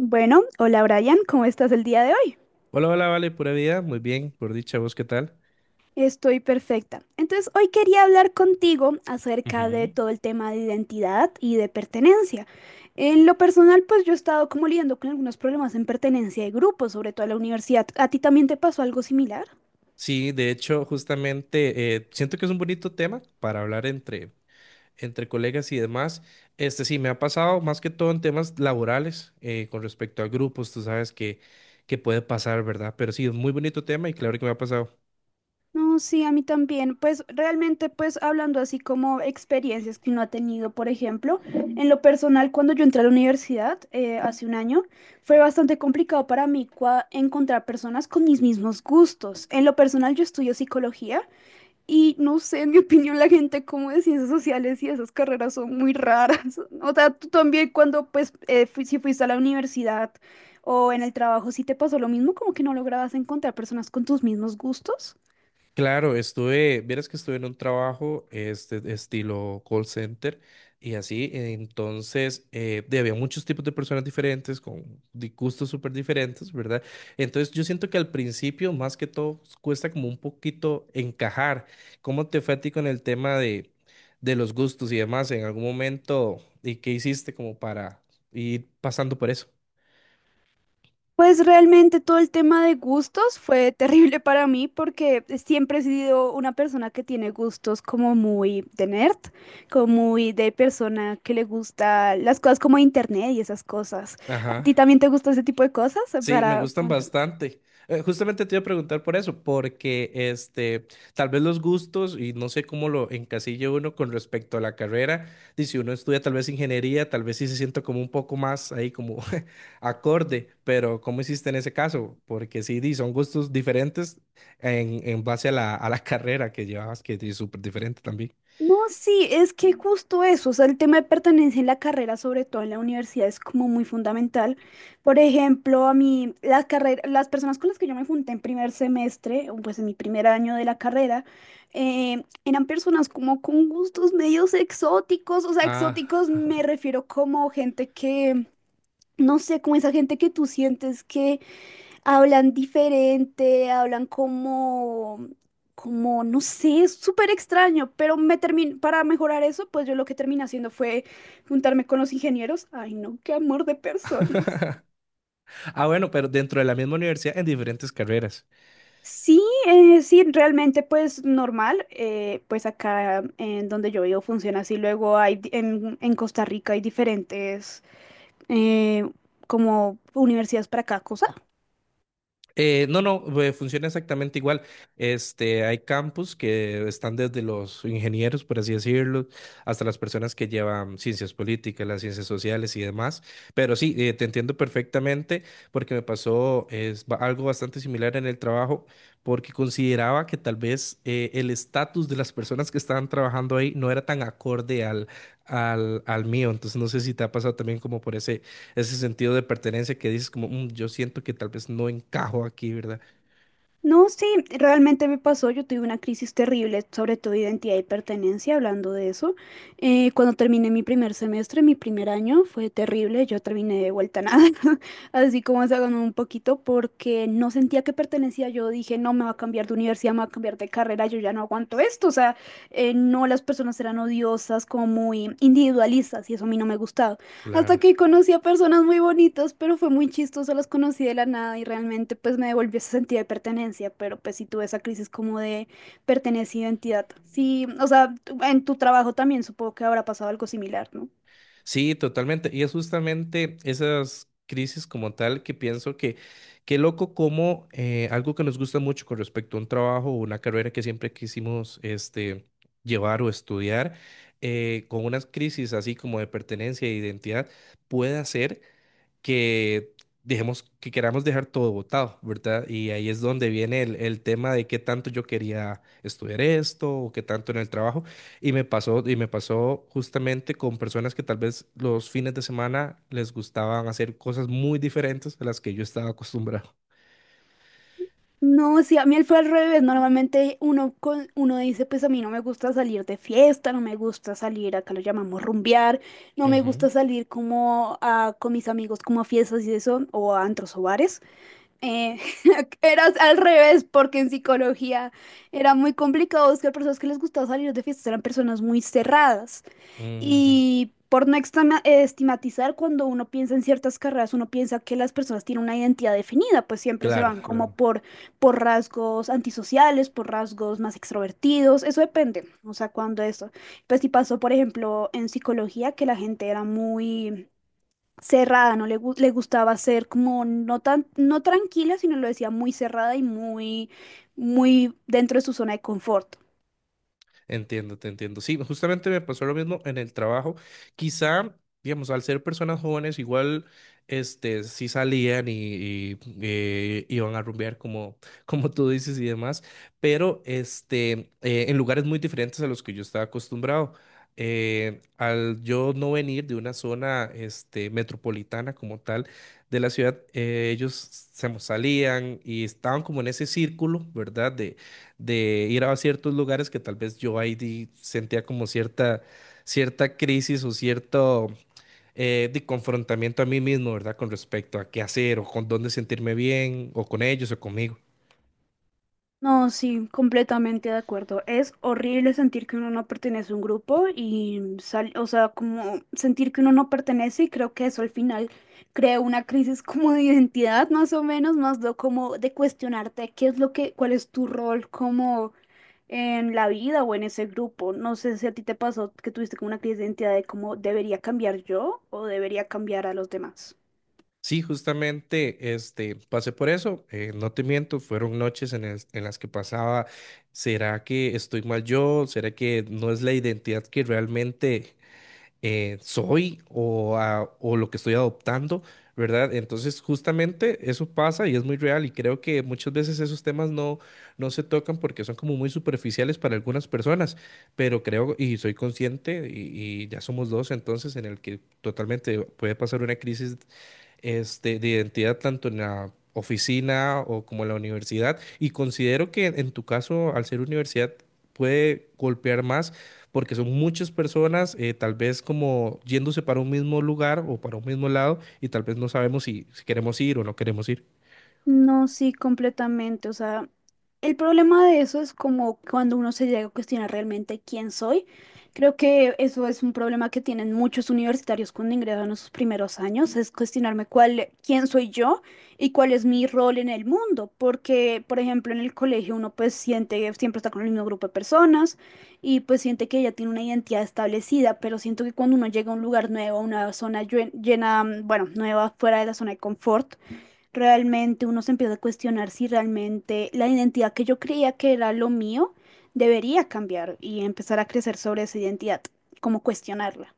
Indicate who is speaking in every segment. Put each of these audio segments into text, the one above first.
Speaker 1: Bueno, hola Brian, ¿cómo estás el día de hoy?
Speaker 2: Hola, hola, vale, pura vida, muy bien, por dicha, ¿vos qué tal?
Speaker 1: Estoy perfecta. Entonces, hoy quería hablar contigo acerca de
Speaker 2: Ujú.
Speaker 1: todo el tema de identidad y de pertenencia. En lo personal, pues yo he estado como lidiando con algunos problemas en pertenencia de grupo, sobre todo en la universidad. ¿A ti también te pasó algo similar?
Speaker 2: Sí, de hecho, justamente siento que es un bonito tema para hablar entre colegas y demás. Este sí, me ha pasado más que todo en temas laborales, con respecto a grupos, tú sabes que puede pasar, ¿verdad? Pero sí, es muy bonito tema y claro que me ha pasado.
Speaker 1: No, sí, a mí también. Pues realmente, pues hablando así como experiencias que uno ha tenido, por ejemplo, en lo personal, cuando yo entré a la universidad hace un año, fue bastante complicado para mí encontrar personas con mis mismos gustos. En lo personal, yo estudio psicología y no sé, en mi opinión, la gente como de ciencias sociales y esas carreras son muy raras. O sea, tú también cuando, pues, si fuiste a la universidad o en el trabajo, si te pasó lo mismo, como que no lograbas encontrar personas con tus mismos gustos.
Speaker 2: Claro, estuve, vieras que estuve en un trabajo este estilo call center y así, entonces había muchos tipos de personas diferentes con gustos súper diferentes, ¿verdad? Entonces yo siento que al principio más que todo cuesta como un poquito encajar. ¿Cómo te fue a ti con el tema de los gustos y demás en algún momento y qué hiciste como para ir pasando por eso?
Speaker 1: Pues realmente todo el tema de gustos fue terrible para mí porque siempre he sido una persona que tiene gustos como muy de nerd, como muy de persona que le gusta las cosas como internet y esas cosas. ¿A ti
Speaker 2: Ajá.
Speaker 1: también te gusta ese tipo de cosas
Speaker 2: Sí, me
Speaker 1: para
Speaker 2: gustan bastante. Justamente te iba a preguntar por eso, porque este, tal vez los gustos, y no sé cómo lo encasilla uno con respecto a la carrera, y si uno estudia tal vez ingeniería, tal vez sí se sienta como un poco más ahí como acorde, pero ¿cómo hiciste en ese caso? Porque sí, di, son gustos diferentes en base a la carrera que llevabas, que es súper diferente también.
Speaker 1: No, sí, es que justo eso, o sea, el tema de pertenencia en la carrera, sobre todo en la universidad, es como muy fundamental. Por ejemplo, a mí, la carrera, las personas con las que yo me junté en primer semestre, o pues en mi primer año de la carrera, eran personas como con gustos medios exóticos, o sea,
Speaker 2: Ah.
Speaker 1: exóticos me refiero como gente que, no sé, como esa gente que tú sientes que hablan diferente, hablan como, no sé, es súper extraño, pero me termin para mejorar eso, pues yo lo que terminé haciendo fue juntarme con los ingenieros. Ay, no, qué amor de personas.
Speaker 2: Ah, bueno, pero dentro de la misma universidad en diferentes carreras.
Speaker 1: Sí, sí, realmente pues normal, pues acá en donde yo vivo funciona así, luego hay, en Costa Rica hay diferentes eh, como universidades para cada cosa.
Speaker 2: No, no, Funciona exactamente igual. Este, hay campus que están desde los ingenieros, por así decirlo, hasta las personas que llevan ciencias políticas, las ciencias sociales y demás. Pero sí, te entiendo perfectamente porque me pasó es, algo bastante similar en el trabajo, porque consideraba que tal vez el estatus de las personas que estaban trabajando ahí no era tan acorde al mío. Entonces, no sé si te ha pasado también como por ese sentido de pertenencia que dices como, "Mm, yo siento que tal vez no encajo aquí, ¿verdad?"
Speaker 1: No, sí, realmente me pasó. Yo tuve una crisis terrible sobre todo identidad y pertenencia, hablando de eso. Cuando terminé mi primer semestre, mi primer año, fue terrible. Yo terminé de vuelta a nada, así como se ganó un poquito, porque no sentía que pertenecía. Yo dije, no, me va a cambiar de universidad, me va a cambiar de carrera, yo ya no aguanto esto. O sea, no, las personas eran odiosas, como muy individualistas, y eso a mí no me gustaba. Hasta
Speaker 2: Claro.
Speaker 1: que conocí a personas muy bonitas, pero fue muy chistoso, las conocí de la nada y realmente pues me devolvió ese sentido de pertenencia, pero pues sí tuve esa crisis como de pertenencia, e identidad. Sí, o sea, en tu trabajo también supongo que habrá pasado algo similar, ¿no?
Speaker 2: Sí, totalmente. Y es justamente esas crisis como tal que pienso que, qué loco como, algo que nos gusta mucho con respecto a un trabajo o una carrera que siempre quisimos este, llevar o estudiar, con unas crisis así como de pertenencia e identidad, puede hacer que dejemos, que queramos dejar todo botado, ¿verdad? Y ahí es donde viene el tema de qué tanto yo quería estudiar esto o qué tanto en el trabajo. Y me pasó justamente con personas que tal vez los fines de semana les gustaban hacer cosas muy diferentes a las que yo estaba acostumbrado.
Speaker 1: No, sí, a mí fue al revés. Normalmente uno, uno dice, pues a mí no me gusta salir de fiesta, no me gusta salir, acá lo llamamos rumbear, no me
Speaker 2: Ujú,
Speaker 1: gusta salir como con mis amigos como a fiestas y eso, o a antros o bares. Eh, eras al revés, porque en psicología era muy complicado buscar personas que les gustaba salir de fiestas, eran personas muy cerradas.
Speaker 2: ujú.
Speaker 1: Y por no estigmatizar, cuando uno piensa en ciertas carreras, uno piensa que las personas tienen una identidad definida, pues siempre se
Speaker 2: Claro,
Speaker 1: van como
Speaker 2: claro.
Speaker 1: por rasgos antisociales, por rasgos más extrovertidos, eso depende, o sea, cuando eso. Pues si pasó, por ejemplo, en psicología, que la gente era muy cerrada, no le, gu- le gustaba ser como no tan, no tranquila, sino lo decía muy cerrada y muy, muy dentro de su zona de confort.
Speaker 2: Entiendo, te entiendo. Sí, justamente me pasó lo mismo en el trabajo. Quizá, digamos, al ser personas jóvenes, igual, este, sí salían y iban a rumbear como, como tú dices y demás, pero, este, en lugares muy diferentes a los que yo estaba acostumbrado. Al yo no venir de una zona, este, metropolitana como tal de la ciudad, ellos se salían y estaban como en ese círculo, ¿verdad?, de ir a ciertos lugares que tal vez yo ahí sentía como cierta crisis o cierto, de confrontamiento a mí mismo, ¿verdad? Con respecto a qué hacer o con dónde sentirme bien o con ellos o conmigo.
Speaker 1: No, sí, completamente de acuerdo. Es horrible sentir que uno no pertenece a un grupo y o sea, como sentir que uno no pertenece y creo que eso al final crea una crisis como de identidad, más o menos, más de como de cuestionarte qué es lo que, cuál es tu rol como en la vida o en ese grupo. No sé si a ti te pasó que tuviste como una crisis de identidad de cómo debería cambiar yo o debería cambiar a los demás.
Speaker 2: Sí, justamente, este, pasé por eso, no te miento, fueron noches en las que pasaba, ¿será que estoy mal yo? ¿Será que no es la identidad que realmente soy o, o lo que estoy adoptando, ¿verdad? Entonces, justamente eso pasa y es muy real y creo que muchas veces esos temas no se tocan porque son como muy superficiales para algunas personas, pero creo y soy consciente y ya somos dos entonces en el que totalmente puede pasar una crisis, este, de identidad tanto en la oficina o como en la universidad. Y considero que en tu caso, al ser universidad, puede golpear más porque son muchas personas, tal vez como yéndose para un mismo lugar o para un mismo lado y tal vez no sabemos si queremos ir o no queremos ir.
Speaker 1: No, sí, completamente. O sea, el problema de eso es como cuando uno se llega a cuestionar realmente quién soy. Creo que eso es un problema que tienen muchos universitarios cuando ingresan a sus primeros años, es cuestionarme cuál, quién soy yo y cuál es mi rol en el mundo. Porque, por ejemplo, en el colegio uno pues siente que siempre está con el mismo grupo de personas y pues siente que ya tiene una identidad establecida, pero siento que cuando uno llega a un lugar nuevo, a una zona llena, bueno, nueva fuera de la zona de confort, realmente uno se empieza a cuestionar si realmente la identidad que yo creía que era lo mío debería cambiar y empezar a crecer sobre esa identidad, como cuestionarla.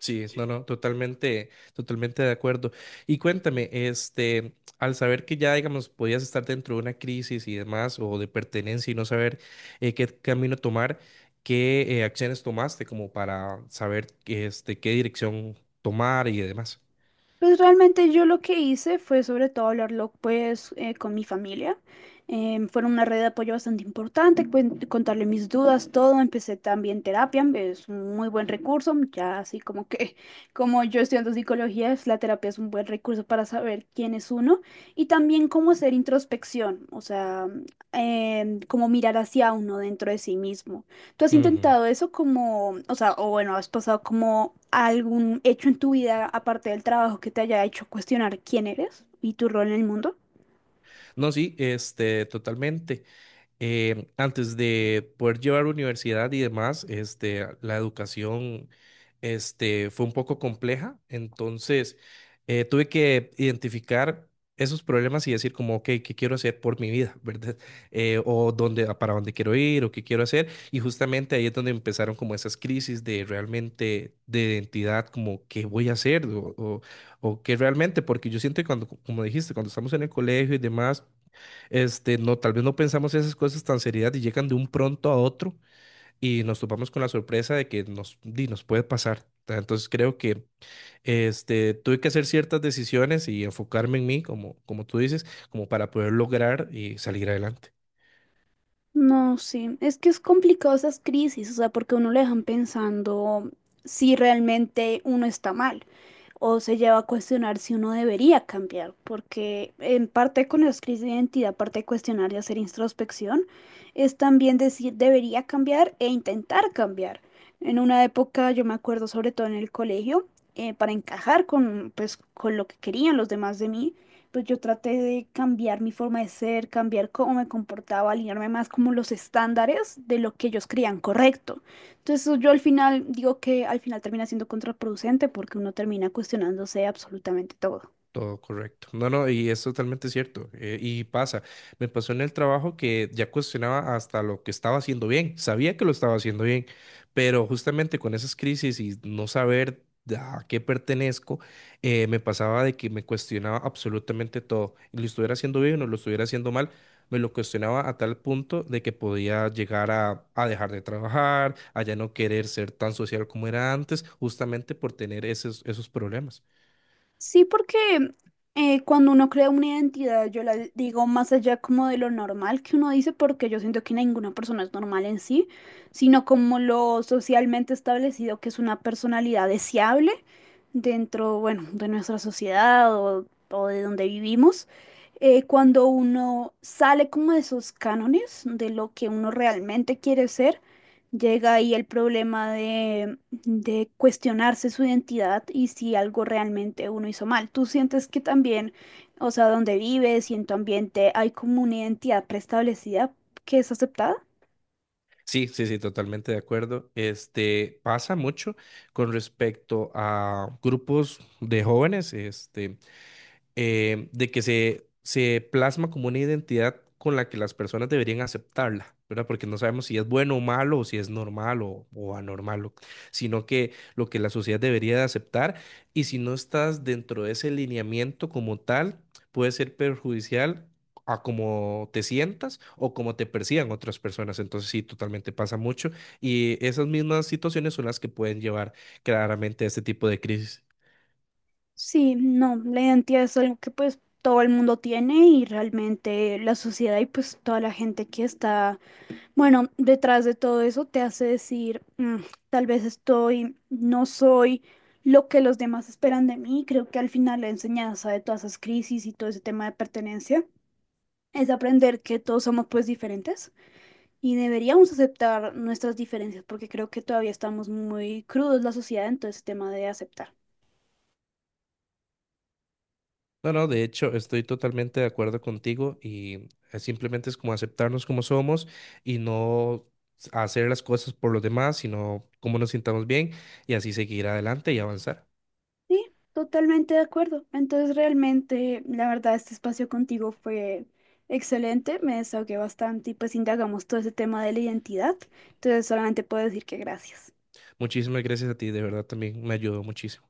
Speaker 2: Sí, no, no, totalmente, totalmente de acuerdo. Y cuéntame, este, al saber que ya, digamos, podías estar dentro de una crisis y demás, o de pertenencia y no saber, qué camino tomar, ¿qué, acciones tomaste como para saber, este, qué dirección tomar y demás?
Speaker 1: Pues realmente yo lo que hice fue sobre todo hablarlo con mi familia. Fueron una red de apoyo bastante importante, contarle mis dudas, todo. Empecé también terapia, es un muy buen recurso, ya así como que como yo estudiando psicología, la terapia es un buen recurso para saber quién es uno y también cómo hacer introspección, o sea, cómo mirar hacia uno dentro de sí mismo. ¿Tú has
Speaker 2: Ujú.
Speaker 1: intentado eso como, o sea, o bueno, has pasado como algún hecho en tu vida aparte del trabajo que te haya hecho cuestionar quién eres y tu rol en el mundo?
Speaker 2: No, sí, este, totalmente. Eh, antes de poder llevar universidad y demás, este, la educación, este, fue un poco compleja, entonces, tuve que identificar esos problemas y decir como, ok, ¿qué quiero hacer por mi vida, verdad? O dónde, a para dónde quiero ir o qué quiero hacer. Y justamente ahí es donde empezaron como esas crisis de realmente, de identidad, como qué voy a hacer o qué realmente, porque yo siento que cuando, como dijiste, cuando estamos en el colegio y demás, este, no, tal vez no pensamos esas cosas tan seriedad y llegan de un pronto a otro y nos topamos con la sorpresa de que nos, di, nos puede pasar. Entonces creo que este, tuve que hacer ciertas decisiones y enfocarme en mí, como tú dices, como para poder lograr y salir adelante.
Speaker 1: No, sí, es que es complicado esas crisis, o sea, porque uno le dejan pensando si realmente uno está mal o se lleva a cuestionar si uno debería cambiar, porque en parte con las crisis de identidad, aparte de cuestionar y hacer introspección, es también decir debería cambiar e intentar cambiar. En una época, yo me acuerdo sobre todo en el colegio, para encajar con, pues, con lo que querían los demás de mí pues yo traté de cambiar mi forma de ser, cambiar cómo me comportaba, alinearme más como los estándares de lo que ellos creían correcto. Entonces yo al final digo que al final termina siendo contraproducente porque uno termina cuestionándose absolutamente todo.
Speaker 2: Todo correcto. No, no, y es totalmente cierto. Eh, y pasa, me pasó en el trabajo que ya cuestionaba hasta lo que estaba haciendo bien. Sabía que lo estaba haciendo bien, pero justamente con esas crisis y no saber de a qué pertenezco, me pasaba de que me cuestionaba absolutamente todo. Lo estuviera haciendo bien o lo estuviera haciendo mal, me lo cuestionaba a tal punto de que podía llegar a dejar de trabajar, a ya no querer ser tan social como era antes, justamente por tener esos problemas.
Speaker 1: Sí, porque cuando uno crea una identidad, yo la digo más allá como de lo normal que uno dice, porque yo siento que ninguna persona es normal en sí, sino como lo socialmente establecido que es una personalidad deseable dentro, bueno, de nuestra sociedad o de donde vivimos. Cuando uno sale como de esos cánones de lo que uno realmente quiere ser, llega ahí el problema de cuestionarse su identidad y si algo realmente uno hizo mal. ¿Tú sientes que también, o sea, donde vives y en tu ambiente hay como una identidad preestablecida que es aceptada?
Speaker 2: Sí, sí, sí, totalmente de acuerdo. Este pasa mucho con respecto a grupos de jóvenes, este, de que se plasma como una identidad con la que las personas deberían aceptarla, ¿verdad? Porque no sabemos si es bueno o malo, o si es normal o anormal, o, sino que lo que la sociedad debería de aceptar, y si no estás dentro de ese lineamiento como tal, puede ser perjudicial a cómo te sientas o cómo te perciban otras personas. Entonces sí, totalmente pasa mucho y esas mismas situaciones son las que pueden llevar claramente a este tipo de crisis.
Speaker 1: Sí, no, la identidad es algo que pues todo el mundo tiene y realmente la sociedad y pues toda la gente que está, bueno, detrás de todo eso te hace decir, "Mm, tal vez estoy, no soy lo que los demás esperan de mí". Creo que al final la enseñanza de todas esas crisis y todo ese tema de pertenencia es aprender que todos somos pues diferentes y deberíamos aceptar nuestras diferencias porque creo que todavía estamos muy crudos la sociedad en todo ese tema de aceptar.
Speaker 2: No, no, de hecho estoy totalmente de acuerdo contigo y, simplemente es como aceptarnos como somos y no hacer las cosas por los demás, sino cómo nos sintamos bien y así seguir adelante y avanzar.
Speaker 1: Sí, totalmente de acuerdo. Entonces realmente la verdad este espacio contigo fue excelente, me desahogué bastante y pues indagamos todo ese tema de la identidad. Entonces solamente puedo decir que gracias.
Speaker 2: Muchísimas gracias a ti, de verdad también me ayudó muchísimo.